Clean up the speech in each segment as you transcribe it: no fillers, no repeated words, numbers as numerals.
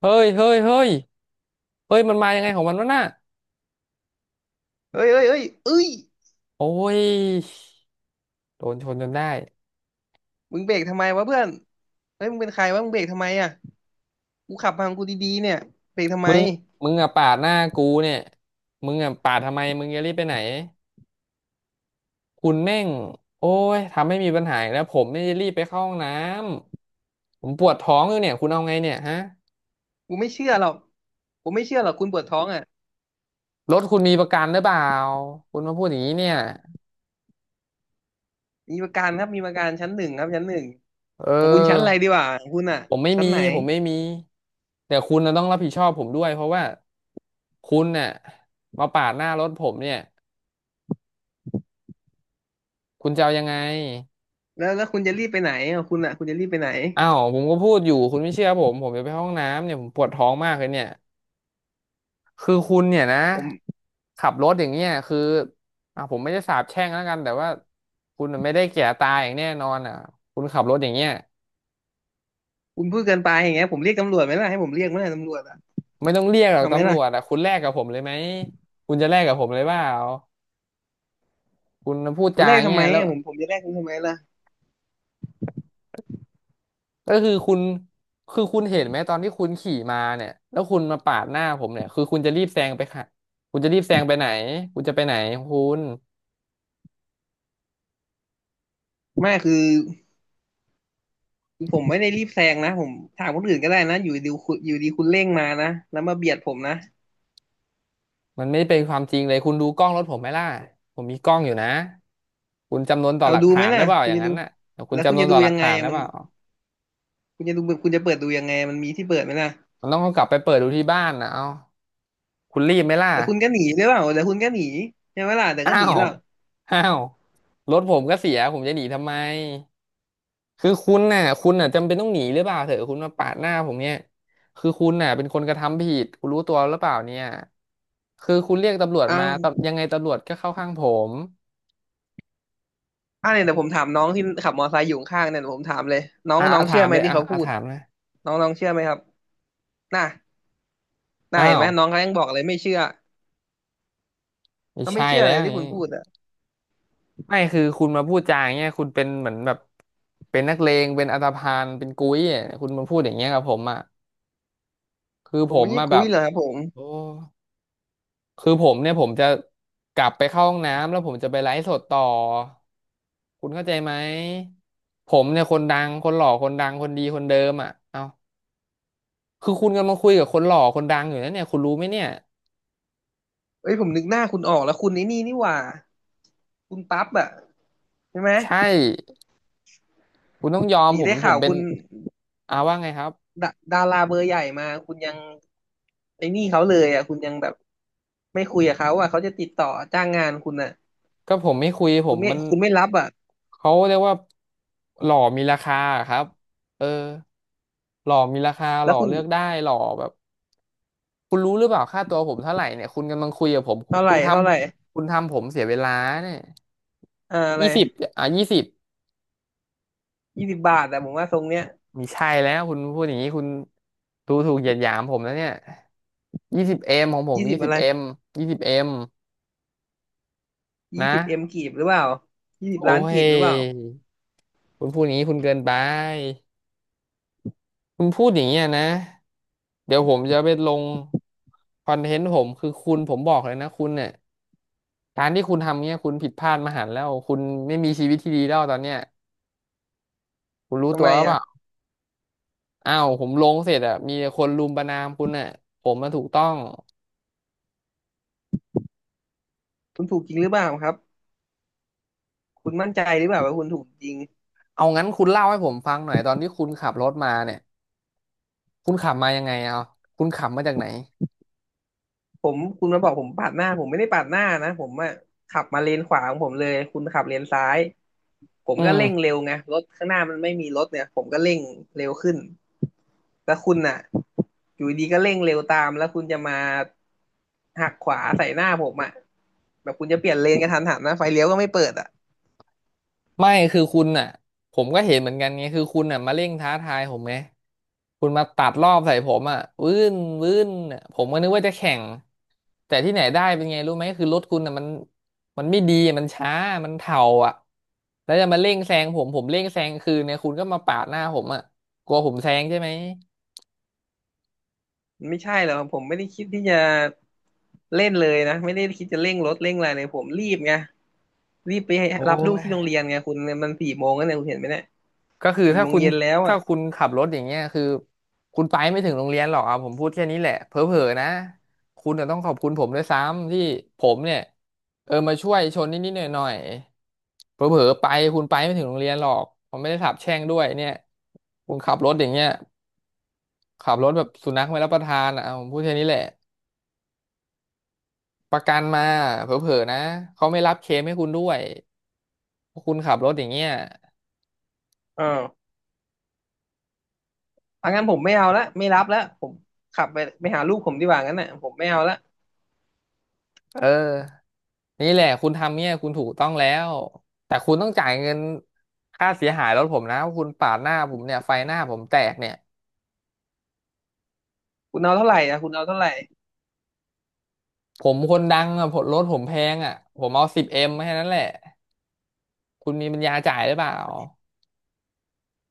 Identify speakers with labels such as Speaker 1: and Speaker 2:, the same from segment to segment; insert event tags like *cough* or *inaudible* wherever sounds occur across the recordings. Speaker 1: เฮ้ยเฮ้ยเฮ้ย เฮ้ยมันมายังไงของมันวะน่ะ
Speaker 2: เอ้ยเอ้ยเอ้ยเอ้ย
Speaker 1: โอ้ยโดนชนจนได้
Speaker 2: มึงเบรกทำไมวะเพื่อนเฮ้ยมึงเป็นใครวะมึงเบรกทำไมอ่ะกูขับมาของกูดีๆเนี่ยเบรกทำไม
Speaker 1: มึงมึงอะปาดหน้ากูเนี่ยมึงอะปาดทำไมมึงจะรีบไปไหนคุณแม่งโอ้ยทำให้มีปัญหาอีกแล้วผมไม่ได้รีบไปเข้าห้องน้ำผมปวดท้องอยู่เนี่ยคุณเอาไงเนี่ยฮะ
Speaker 2: กูไม่เชื่อหรอกผมไม่เชื่อหรอกคุณปวดท้องอ่ะ
Speaker 1: รถคุณมีประกันหรือเปล่าคุณมาพูดอย่างนี้เนี่ย
Speaker 2: มีประกันครับมีประกันชั้นหนึ่งครับชั้นหนึ่ง
Speaker 1: เ
Speaker 2: ของคุณชั้นอะไร
Speaker 1: ออ
Speaker 2: ดีวะของคุณอ่ะ
Speaker 1: ผมไม่
Speaker 2: ชั้น
Speaker 1: มี
Speaker 2: ไหน
Speaker 1: ผมไม่มีแต่คุณน่ะต้องรับผิดชอบผมด้วยเพราะว่าคุณน่ะมาปาดหน้ารถผมเนี่ย คุณจะเอายังไง
Speaker 2: แล้วคุณจะรีบไปไหนของคุณอ่ะคุณจะรีบไปไหน
Speaker 1: อ้าวผมก็พูดอยู่คุณไม่เชื่อผมผมจะไปห้องน้ำเนี่ยผมปวดท้องมากเลยเนี่ยคือคุณเนี่ยนะ
Speaker 2: ผม
Speaker 1: ขับรถอย่างเงี้ยคืออ่ะผมไม่ได้สาปแช่งแล้วกันแต่ว่าคุณน่ะไม่ได้แก่ตายอย่างแน่นอนอ่ะคุณขับรถอย่างเงี้ย
Speaker 2: คุณพูดเกินไปอย่างเงี้ยผมเรียกตำรวจไหมล่ะให้ผมเรียกไหมล่ะตำรวจอ่ะ
Speaker 1: ไม่ต้องเรียกหรอก
Speaker 2: เอาไหม
Speaker 1: ตำรวจ
Speaker 2: ล่ะ
Speaker 1: อ่ะคุณแลกกับผมเลยไหมคุณจะแลกกับผมเลยเปล่าคุณพูด
Speaker 2: มัน
Speaker 1: จา
Speaker 2: แร
Speaker 1: อ
Speaker 2: ก
Speaker 1: ย่าง
Speaker 2: ทำ
Speaker 1: เงี้
Speaker 2: ไม
Speaker 1: ยแล้ว
Speaker 2: อะผมจะแรกคุณทำไมล่ะ
Speaker 1: ก็คือคุณคือคุณเห็นไหมตอนที่คุณขี่มาเนี่ยแล้วคุณมาปาดหน้าผมเนี่ยคือคุณจะรีบแซงไปค่ะคุณจะรีบแซงไปไหนคุณจะไปไหนของคุณ
Speaker 2: ไม่คือผมไม่ได้รีบแซงนะผมถามคนอื่นก็ได้นะอยู่ดีคุณอยู่ดีคุณเร่งมานะแล้วมาเบียดผมนะ
Speaker 1: มันไม่เป็นความจริงเลยคุณดูกล้องรถผมไหมล่ะผมมีกล้องอยู่นะคุณจำนวนต่อ
Speaker 2: เอา
Speaker 1: หลัก
Speaker 2: ดูไห
Speaker 1: ฐา
Speaker 2: ม
Speaker 1: น
Speaker 2: ล่ะ
Speaker 1: ได้เปล่า
Speaker 2: คุ
Speaker 1: อ
Speaker 2: ณ
Speaker 1: ย่าง
Speaker 2: จะ
Speaker 1: นั้
Speaker 2: ดู
Speaker 1: นน่ะเดี๋ยวคุณ
Speaker 2: แล้วคุ
Speaker 1: จำ
Speaker 2: ณ
Speaker 1: นวน
Speaker 2: จะดู
Speaker 1: ต่อหลั
Speaker 2: ยั
Speaker 1: ก
Speaker 2: งไง
Speaker 1: ฐาน
Speaker 2: อะ
Speaker 1: ได้
Speaker 2: มัน
Speaker 1: เปล่า
Speaker 2: คุณจะดูคุณจะเปิดดูยังไงมันมีที่เปิดไหมล่ะ
Speaker 1: มันต้องเอากลับไปเปิดดูที่บ้านนะเอาคุณรีบไหมล่ะ
Speaker 2: แล้วคุณก็หนีหรือเปล่าแล้วคุณก็หนีใช่ไหมล่ะแต่ก็
Speaker 1: อ้า
Speaker 2: หนี
Speaker 1: ว
Speaker 2: หรอก
Speaker 1: อ้าวรถผมก็เสียผมจะหนีทำไมคือคุณน่ะจำเป็นต้องหนีหรือเปล่าเถอะคุณมาปาดหน้าผมเนี่ยคือคุณน่ะเป็นคนกระทำผิดคุณรู้ตัวหรือเปล่าเนี่ยคือคุณเรียกตำรวจ
Speaker 2: เอา
Speaker 1: มาตำยังไงตำรวจก็เข้าข้างผม
Speaker 2: อ่ะเนี่ยแต่ผมถามน้องที่ขับมอไซค์อยู่ข้างๆเนี่ยเดี๋ยวผมถามเลยน้อง
Speaker 1: อ่ะ
Speaker 2: น้
Speaker 1: อ่ะ
Speaker 2: อง
Speaker 1: ถา
Speaker 2: เชื่อ
Speaker 1: ม
Speaker 2: ไหม
Speaker 1: เลย
Speaker 2: ที่
Speaker 1: อ่ะ
Speaker 2: เขาพู
Speaker 1: อ่ะ
Speaker 2: ด
Speaker 1: ถามนะ
Speaker 2: น้องน้องเชื่อไหมครับน่ะน่า
Speaker 1: อ้า
Speaker 2: เห็น
Speaker 1: ว
Speaker 2: ไหมน้องเขายังบอกเลยไม่เชื่อ
Speaker 1: ไม่
Speaker 2: เขาไม่
Speaker 1: ใช่
Speaker 2: เชื่อ
Speaker 1: แล้
Speaker 2: เลย
Speaker 1: วอ
Speaker 2: ที่
Speaker 1: ย่าง
Speaker 2: คุ
Speaker 1: งี้
Speaker 2: ณพูดอ่ะ
Speaker 1: ไม่คือคุณมาพูดจาอย่างเงี้ยคุณเป็นเหมือนแบบเป็นนักเลงเป็นอันธพาลเป็นกุ้ยอะคุณมาพูดอย่างเงี้ยกับผมอ่ะคือ
Speaker 2: ผ
Speaker 1: ผ
Speaker 2: ม
Speaker 1: ม
Speaker 2: ไม่ใช่
Speaker 1: มาแบ
Speaker 2: กุ้ย
Speaker 1: บ
Speaker 2: เหรอครับผม
Speaker 1: โอ้คือผมเนี่ยผมจะกลับไปเข้าห้องน้ำแล้วผมจะไปไลฟ์สดต่อคุณเข้าใจไหมผมเนี่ยคนดังคนหล่อคนดังคนดีคนเดิมอ่ะเอ้าคือคุณกำลังคุยกับคนหล่อคนดังอยู่นะเนี่ยคุณรู้ไหมเนี่ย
Speaker 2: เอ้ยผมนึกหน้าคุณออกแล้วคุณนี่หว่าคุณปั๊บอ่ะใช่ไหม
Speaker 1: ใช่คุณต้องยอม
Speaker 2: หนี
Speaker 1: ผม
Speaker 2: ได้
Speaker 1: ผ
Speaker 2: ข่า
Speaker 1: ม
Speaker 2: ว
Speaker 1: เป็น
Speaker 2: คุณ
Speaker 1: อาว่าไงครับ
Speaker 2: ดาดาราเบอร์ใหญ่มาคุณยังไอ้นี่เขาเลยอ่ะคุณยังแบบไม่คุยกับเขาอ่ะเขาจะติดต่อจ้างงานคุณอ่ะ
Speaker 1: ก็ผมไม่คุยผ
Speaker 2: คุ
Speaker 1: ม
Speaker 2: ณไม่
Speaker 1: มัน
Speaker 2: คุณไม่รับอ่ะ
Speaker 1: เขาเรียกว่าหล่อมีราคาอะครับเออหล่อมีราคาห
Speaker 2: แล้
Speaker 1: ล่
Speaker 2: ว
Speaker 1: อ
Speaker 2: คุณ
Speaker 1: เลือกได้หล่อแบบคุณรู้หรือเปล่าค่าตัวผมเท่าไหร่เนี่ยคุณกำลังคุยกับผม
Speaker 2: เท่าไห
Speaker 1: คุ
Speaker 2: ร่
Speaker 1: ณท
Speaker 2: เท่าไหร่
Speaker 1: คุณทำผมเสียเวลาเนี่ย
Speaker 2: อ่าอะไร
Speaker 1: ยี่สิบอ่ะยี่สิบ
Speaker 2: 20 บาทแต่ผมว่าทรงเนี้ย
Speaker 1: มีใช่แล้วคุณพูดอย่างนี้คุณดูถูกเหยียดหยามผมแล้วเนี่ยยี่สิบเอ็มของผม
Speaker 2: ยี่สิ
Speaker 1: ยี่
Speaker 2: บ
Speaker 1: สิ
Speaker 2: อะ
Speaker 1: บ
Speaker 2: ไร
Speaker 1: เอ็มยี่สิบเอ็ม
Speaker 2: ยี่
Speaker 1: นะ
Speaker 2: สิบเอ็มกีบหรือเปล่ายี่สิบ
Speaker 1: โอ้
Speaker 2: ล้านกี
Speaker 1: ย
Speaker 2: บหรือเปล่า
Speaker 1: คุณพูดอย่างนี้คุณเกินไป คุณพูดอย่างเงี้ยนะ เดี๋ยวผมจะไปลงคอนเทนต์ผมคือคุณผมบอกเลยนะคุณเนี่ยการที่คุณทำเงี้ยคุณผิดพลาดมหันต์แล้วคุณไม่มีชีวิตที่ดีแล้วตอนเนี้ยคุณรู้
Speaker 2: ทำ
Speaker 1: ตัว
Speaker 2: ไม
Speaker 1: หรือเป
Speaker 2: อ่ะ
Speaker 1: ล่าอ้าวผมลงเสร็จอะมีแต่คนรุมประณามคุณน่ะผมมาถูกต้อง
Speaker 2: คุณถูกจริงหรือเปล่าครับคุณมั่นใจหรือเปล่าว่าคุณถูกจริง
Speaker 1: เอางั้นคุณเล่าให้ผมฟังหน่อยตอนที่คุณขับรถมาเนี่ยคุณขับมายังไงเอาคุณขับมาจากไหน
Speaker 2: ผมคุณมาบอกผมปาดหน้าผมไม่ได้ปาดหน้านะผมอะขับมาเลนขวาของผมเลยคุณขับเลนซ้ายผม
Speaker 1: อื
Speaker 2: ก็
Speaker 1: ม
Speaker 2: เร่งเร็วไงรถข้างหน้ามันไม่มีรถเนี่ยผมก็เร่งเร็วขึ้นแต่คุณน่ะอยู่ดีก็เร่งเร็วตามแล้วคุณจะมาหักขวาใส่หน้าผมอะแบบคุณจะเปลี่ยนเลนกระทันหันนะไฟเลี้ยวก็ไม่เปิดอะ
Speaker 1: ไม่คือคุณอ่ะผมก็เห็นเหมือนกันไงคือคุณอ่ะมาเร่งท้าทายผมไงคุณมาตัดรอบใส่ผมอ่ะวื้นวื้นอะผมก็นึกว่าจะแข่งแต่ที่ไหนได้เป็นไงรู้ไหมคือรถคุณอ่ะมันไม่ดีมันช้ามันเถ่าอ่ะแล้วจะมาเร่งแซงผมผมเร่งแซงคืนเนี่ยคุณก็มาปาดหน้าผมอ่ะกลัวผมแซงใช่ไหม
Speaker 2: มันไม่ใช่หรอกผมไม่ได้คิดที่จะเล่นเลยนะไม่ได้คิดจะเร่งรถเร่งอะไรเลยผมรีบไงรีบไป
Speaker 1: โอ้
Speaker 2: รับลูก
Speaker 1: ย
Speaker 2: ที่โรงเรียนไงคุณมันสี่โมงแล้วเนี่ยคุณเห็นไหมเนี่ย
Speaker 1: ก็คือ
Speaker 2: สี่
Speaker 1: ถ้า
Speaker 2: โมง
Speaker 1: คุณ
Speaker 2: เย็นแล้ว
Speaker 1: ถ้า
Speaker 2: อ่ะ
Speaker 1: คุณขับรถอย่างเงี้ยคือคุณไปไม่ถึงโรงเรียนหรอกเอาผมพูดแค่นี้แหละเผลอๆนะคุณจะต้องขอบคุณผมด้วยซ้ำที่ผมเนี่ยเออมาช่วยชนนิดๆหน่อยๆเผลอๆไปคุณไปไม่ถึงโรงเรียนหรอกผมไม่ได้สาปแช่งด้วยเนี่ยคุณขับรถอย่างเงี้ยขับรถแบบสุนัขไม่รับประทานอ่ะเอาผมพูดแค่นี้แหละประกันมาเผลอๆนะเขาไม่รับเคลมให้คุณด้วยเพราะคุณขับรถอย่างเงี้ย
Speaker 2: เออเอางั้นผมไม่เอาละไม่รับแล้วผมขับไปไปหาลูกผมดีกว่างั้นน่ะผมไม่เอาละ
Speaker 1: เออนี่แหละคุณทำเนี่ยคุณถูกต้องแล้วแต่คุณต้องจ่ายเงินค่าเสียหายรถผมนะว่าคุณปาดหน้าผมเนี่ยไฟหน้าผมแตกเนี่ย
Speaker 2: คุณเอาเท่าไหร่อ่ะคุณเอาเท่าไหร่
Speaker 1: ผมคนดังอะผมรถผมแพงอะผมเอาสิบเอ็มแค่นั้นแหละคุณมีปัญญาจ่ายหรือเปล่า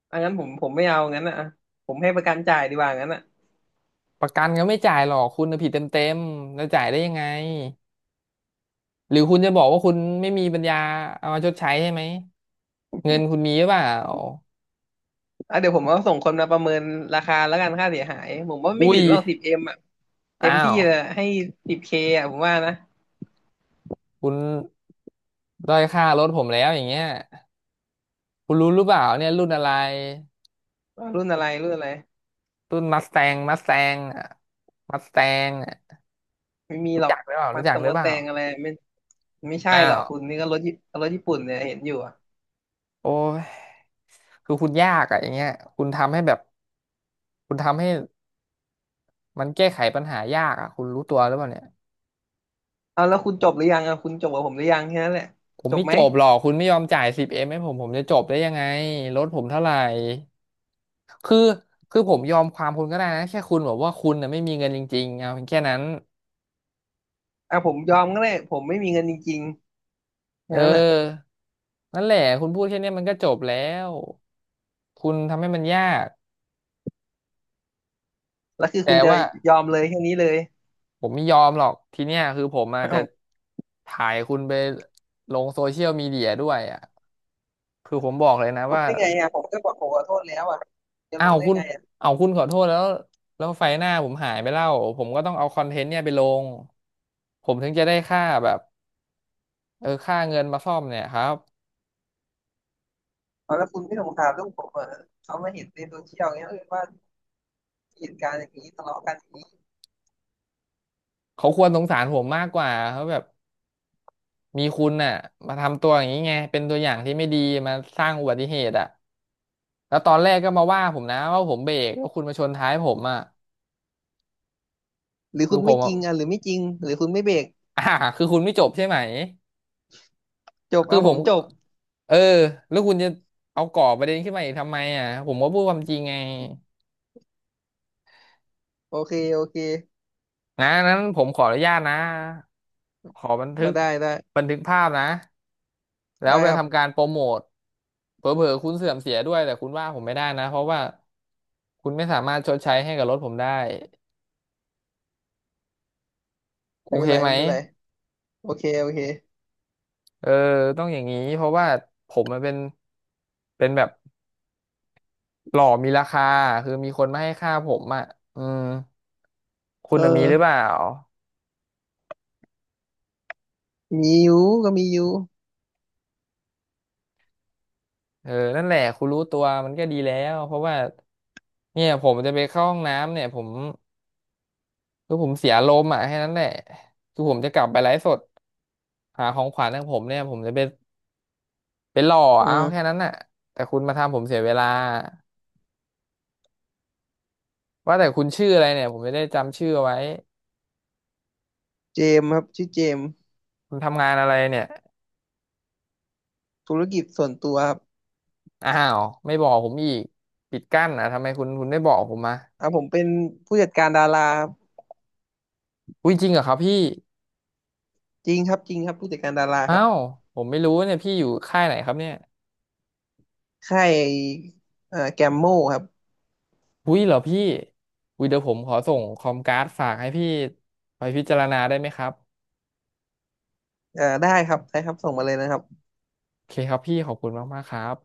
Speaker 2: เอางั้นผมไม่เอางั้นน่ะอะผมให้ประกันจ่ายดีกว่างั้นน่ะ
Speaker 1: ประกันก็ไม่จ่ายหรอกคุณน่ะผิดเต็มๆแล้วจ่ายได้ยังไงหรือคุณจะบอกว่าคุณไม่มีปัญญาเอามาชดใช้ใช่ไหมเงินคุณมีหรือเปล่า
Speaker 2: อ่ะเดี๋ยวผมเอาส่งคนมาประเมินราคาแล้วกันค่าเสียหายผมว่าไม่
Speaker 1: อุ้
Speaker 2: ถึ
Speaker 1: ย
Speaker 2: งหรอกสิบเอ็มอ่ะเต็
Speaker 1: อ้า
Speaker 2: มที่
Speaker 1: ว
Speaker 2: เลยให้10Kอ่ะผมว่านะ
Speaker 1: คุณด้อยค่ารถผมแล้วอย่างเงี้ย คุณรู้หรือเปล่าเนี่ยรุ่นอะไร
Speaker 2: ว่ารุ่นอะไรรุ่นอะไร
Speaker 1: รุ่นมัสแตงมัสแตงอ่ะมัสแตงอ่ะ
Speaker 2: ไม่มีห
Speaker 1: รู้
Speaker 2: รอก
Speaker 1: จักหรือเปล่า
Speaker 2: มั
Speaker 1: รู้
Speaker 2: ด
Speaker 1: จั
Speaker 2: ต
Speaker 1: ก
Speaker 2: รง
Speaker 1: หรือ
Speaker 2: มัด
Speaker 1: เป
Speaker 2: แต
Speaker 1: ล่า
Speaker 2: งอะไรไม่ไม่ใช่
Speaker 1: อ้า
Speaker 2: หรอก
Speaker 1: ว
Speaker 2: คุณนี่ก็รถญี่รถญี่ปุ่นเนี่ยเห็นอยู่อ่ะ
Speaker 1: โอ้ยคือคุณยากอ่ะอย่างเงี้ยคุณทำให้แบบคุณทำให้มันแก้ไขปัญหายากอ่ะคุณรู้ตัวหรือเปล่าเนี่ย
Speaker 2: เอาแล้วคุณจบหรือยังอ่ะคุณจบกับผมหรือยังแค่นั้นแหละ
Speaker 1: ผม
Speaker 2: จ
Speaker 1: ไม่
Speaker 2: บไหม
Speaker 1: จบหรอกคุณไม่ยอมจ่ายสิบเอ็มให้ผมผมจะจบได้ยังไงรถผมเท่าไหร่คือคือผมยอมความคุณก็ได้นะแค่คุณบอกว่าคุณน่ะไม่มีเงินจริงๆเอาเพียงแค่นั้น
Speaker 2: อ่ะผมยอมก็ได้ผมไม่มีเงินจริงๆอ
Speaker 1: เ
Speaker 2: ย่างนั้นแหละ
Speaker 1: ออนั่นแหละคุณพูดแค่เนี้ยมันก็จบแล้ว คุณทำให้มันยาก
Speaker 2: แล้วคือคุ
Speaker 1: แต่
Speaker 2: ณจะ
Speaker 1: ว่า
Speaker 2: ยอมเลยแค่นี้เลย
Speaker 1: ผมไม่ยอมหรอกทีเนี้ยคือผมอาจจะ
Speaker 2: อ้าว
Speaker 1: ถ่ายคุณไปลงโซเชียลมีเดียด้วยอ่ะคือผมบอกเลยนะ
Speaker 2: ลง
Speaker 1: ว่า
Speaker 2: ได้ไงอ่ะผมก็บอกผมขอโทษแล้วอ่ะจะล
Speaker 1: อ้า
Speaker 2: ง
Speaker 1: ว
Speaker 2: ได้
Speaker 1: คุณ
Speaker 2: ไงอ่ะ
Speaker 1: เอาวคุณขอโทษแล้วแล้วไฟหน้าผมหายไปแล้วผมก็ต้องเอาคอนเทนต์เนี่ยไปลงผมถึงจะได้ค่าแบบเออค่าเงินมาซ่อมเนี่ยครับ
Speaker 2: เอาแล้วคุณไม่สงสารลูกผมเหรอเขามาเห็นในโซเชียลเงี้ยเออว่าเหตุการณ์อย่างนี้ทะเลาะกันอย่างนี้
Speaker 1: เขาควรสงสารผมมากกว่าเขาแบบมีคุณน่ะมาทำตัวอย่างนี้ไงเป็นตัวอย่างที่ไม่ดีมาสร้างอุบัติเหตุอ่ะ แล้วตอนแรกก็มาว่าผมนะว่าผมเบรกแล้วาคุณมาชนท้ายผมอ่ะ
Speaker 2: หรือ
Speaker 1: คื
Speaker 2: คุ
Speaker 1: อ
Speaker 2: ณ
Speaker 1: ผ
Speaker 2: ไม่
Speaker 1: ม
Speaker 2: จ
Speaker 1: อะ
Speaker 2: ริง
Speaker 1: *laughs*
Speaker 2: อ่ะหรือไม่จริงหรือคุณไม่เบรก
Speaker 1: อ่าคือคุณไม่จบใช่ไหม
Speaker 2: จบ
Speaker 1: คือ
Speaker 2: อ่ะผ
Speaker 1: ผ
Speaker 2: ม
Speaker 1: ม
Speaker 2: จ
Speaker 1: ก็
Speaker 2: บ
Speaker 1: เออแล้วคุณจะเอาก่อประเด็นขึ้นมาอีกทำไมอ่ะผมก็พูดความจริงไง
Speaker 2: โอเคโอเค
Speaker 1: นะนั้นผมขออนุญาตนะขอบัน
Speaker 2: อ่ะ
Speaker 1: ทึก
Speaker 2: ได้
Speaker 1: บันทึกภาพนะแล้ว
Speaker 2: ได้
Speaker 1: ไป
Speaker 2: ครับ
Speaker 1: ทำการโปรโมทเผลอๆคุณเสื่อมเสียด้วยแต่คุณว่าผมไม่ได้นะเพราะว่าคุณไม่สามารถชดใช้ให้กับรถผมได้โอ
Speaker 2: ไม่เป็
Speaker 1: เค
Speaker 2: นไร
Speaker 1: ไหม
Speaker 2: ไม่เป็นไรโอเคโอเค
Speaker 1: เออต้องอย่างนี้เพราะว่าผมมันเป็นแบบหล่อมีราคาคือมีคนมาให้ค่าผมอ่ะอืมคุ
Speaker 2: เอ
Speaker 1: ณน่ะมีหรือเปล่า
Speaker 2: อมีอยู่ก็มีอยู่
Speaker 1: เออนั่นแหละคุณรู้ตัวมันก็ดีแล้วเพราะว่าเนี่ยผมจะไปเข้าห้องน้ำเนี่ยผมคือผมเสียลมณ์อ่ะแค่นั้นแหละคือผมจะกลับไปไลฟ์สดหาของขวัญของผมเนี่ยผมจะไปไปหล่อ
Speaker 2: อื
Speaker 1: เอา
Speaker 2: ม
Speaker 1: แค่นั้นน่ะแต่คุณมาทำผมเสียเวลาว่าแต่คุณชื่ออะไรเนี่ยผมจะได้จำชื่อเอาไว้
Speaker 2: เจมส์ครับชื่อเจมส์
Speaker 1: คุณทำงานอะไรเนี่ย
Speaker 2: ธุรกิจส่วนตัวครับ
Speaker 1: อ้าวไม่บอกผมอีกปิดกั้นอ่ะทำไมคุณคุณไม่บอกผมมา
Speaker 2: อ่ะผมเป็นผู้จัดการดาราครับ
Speaker 1: อุ้ยจริงเหรอครับพี่
Speaker 2: จริงครับจริงครับผู้จัดการดาราค
Speaker 1: อ้า
Speaker 2: รับ
Speaker 1: วผมไม่รู้เนี่ยพี่อยู่ค่ายไหนครับเนี่ย
Speaker 2: ค่ายแกมโมครับ
Speaker 1: อุ้ยเหรอพี่อุ้ยเดี๋ยวผมขอส่งคอมการ์ดฝากให้พี่ไปพิจารณาได้ไหมครับ
Speaker 2: ได้ครับได้ครับส่งมาเลยนะครับ
Speaker 1: โอเคครับพี่ขอบคุณมากๆครับ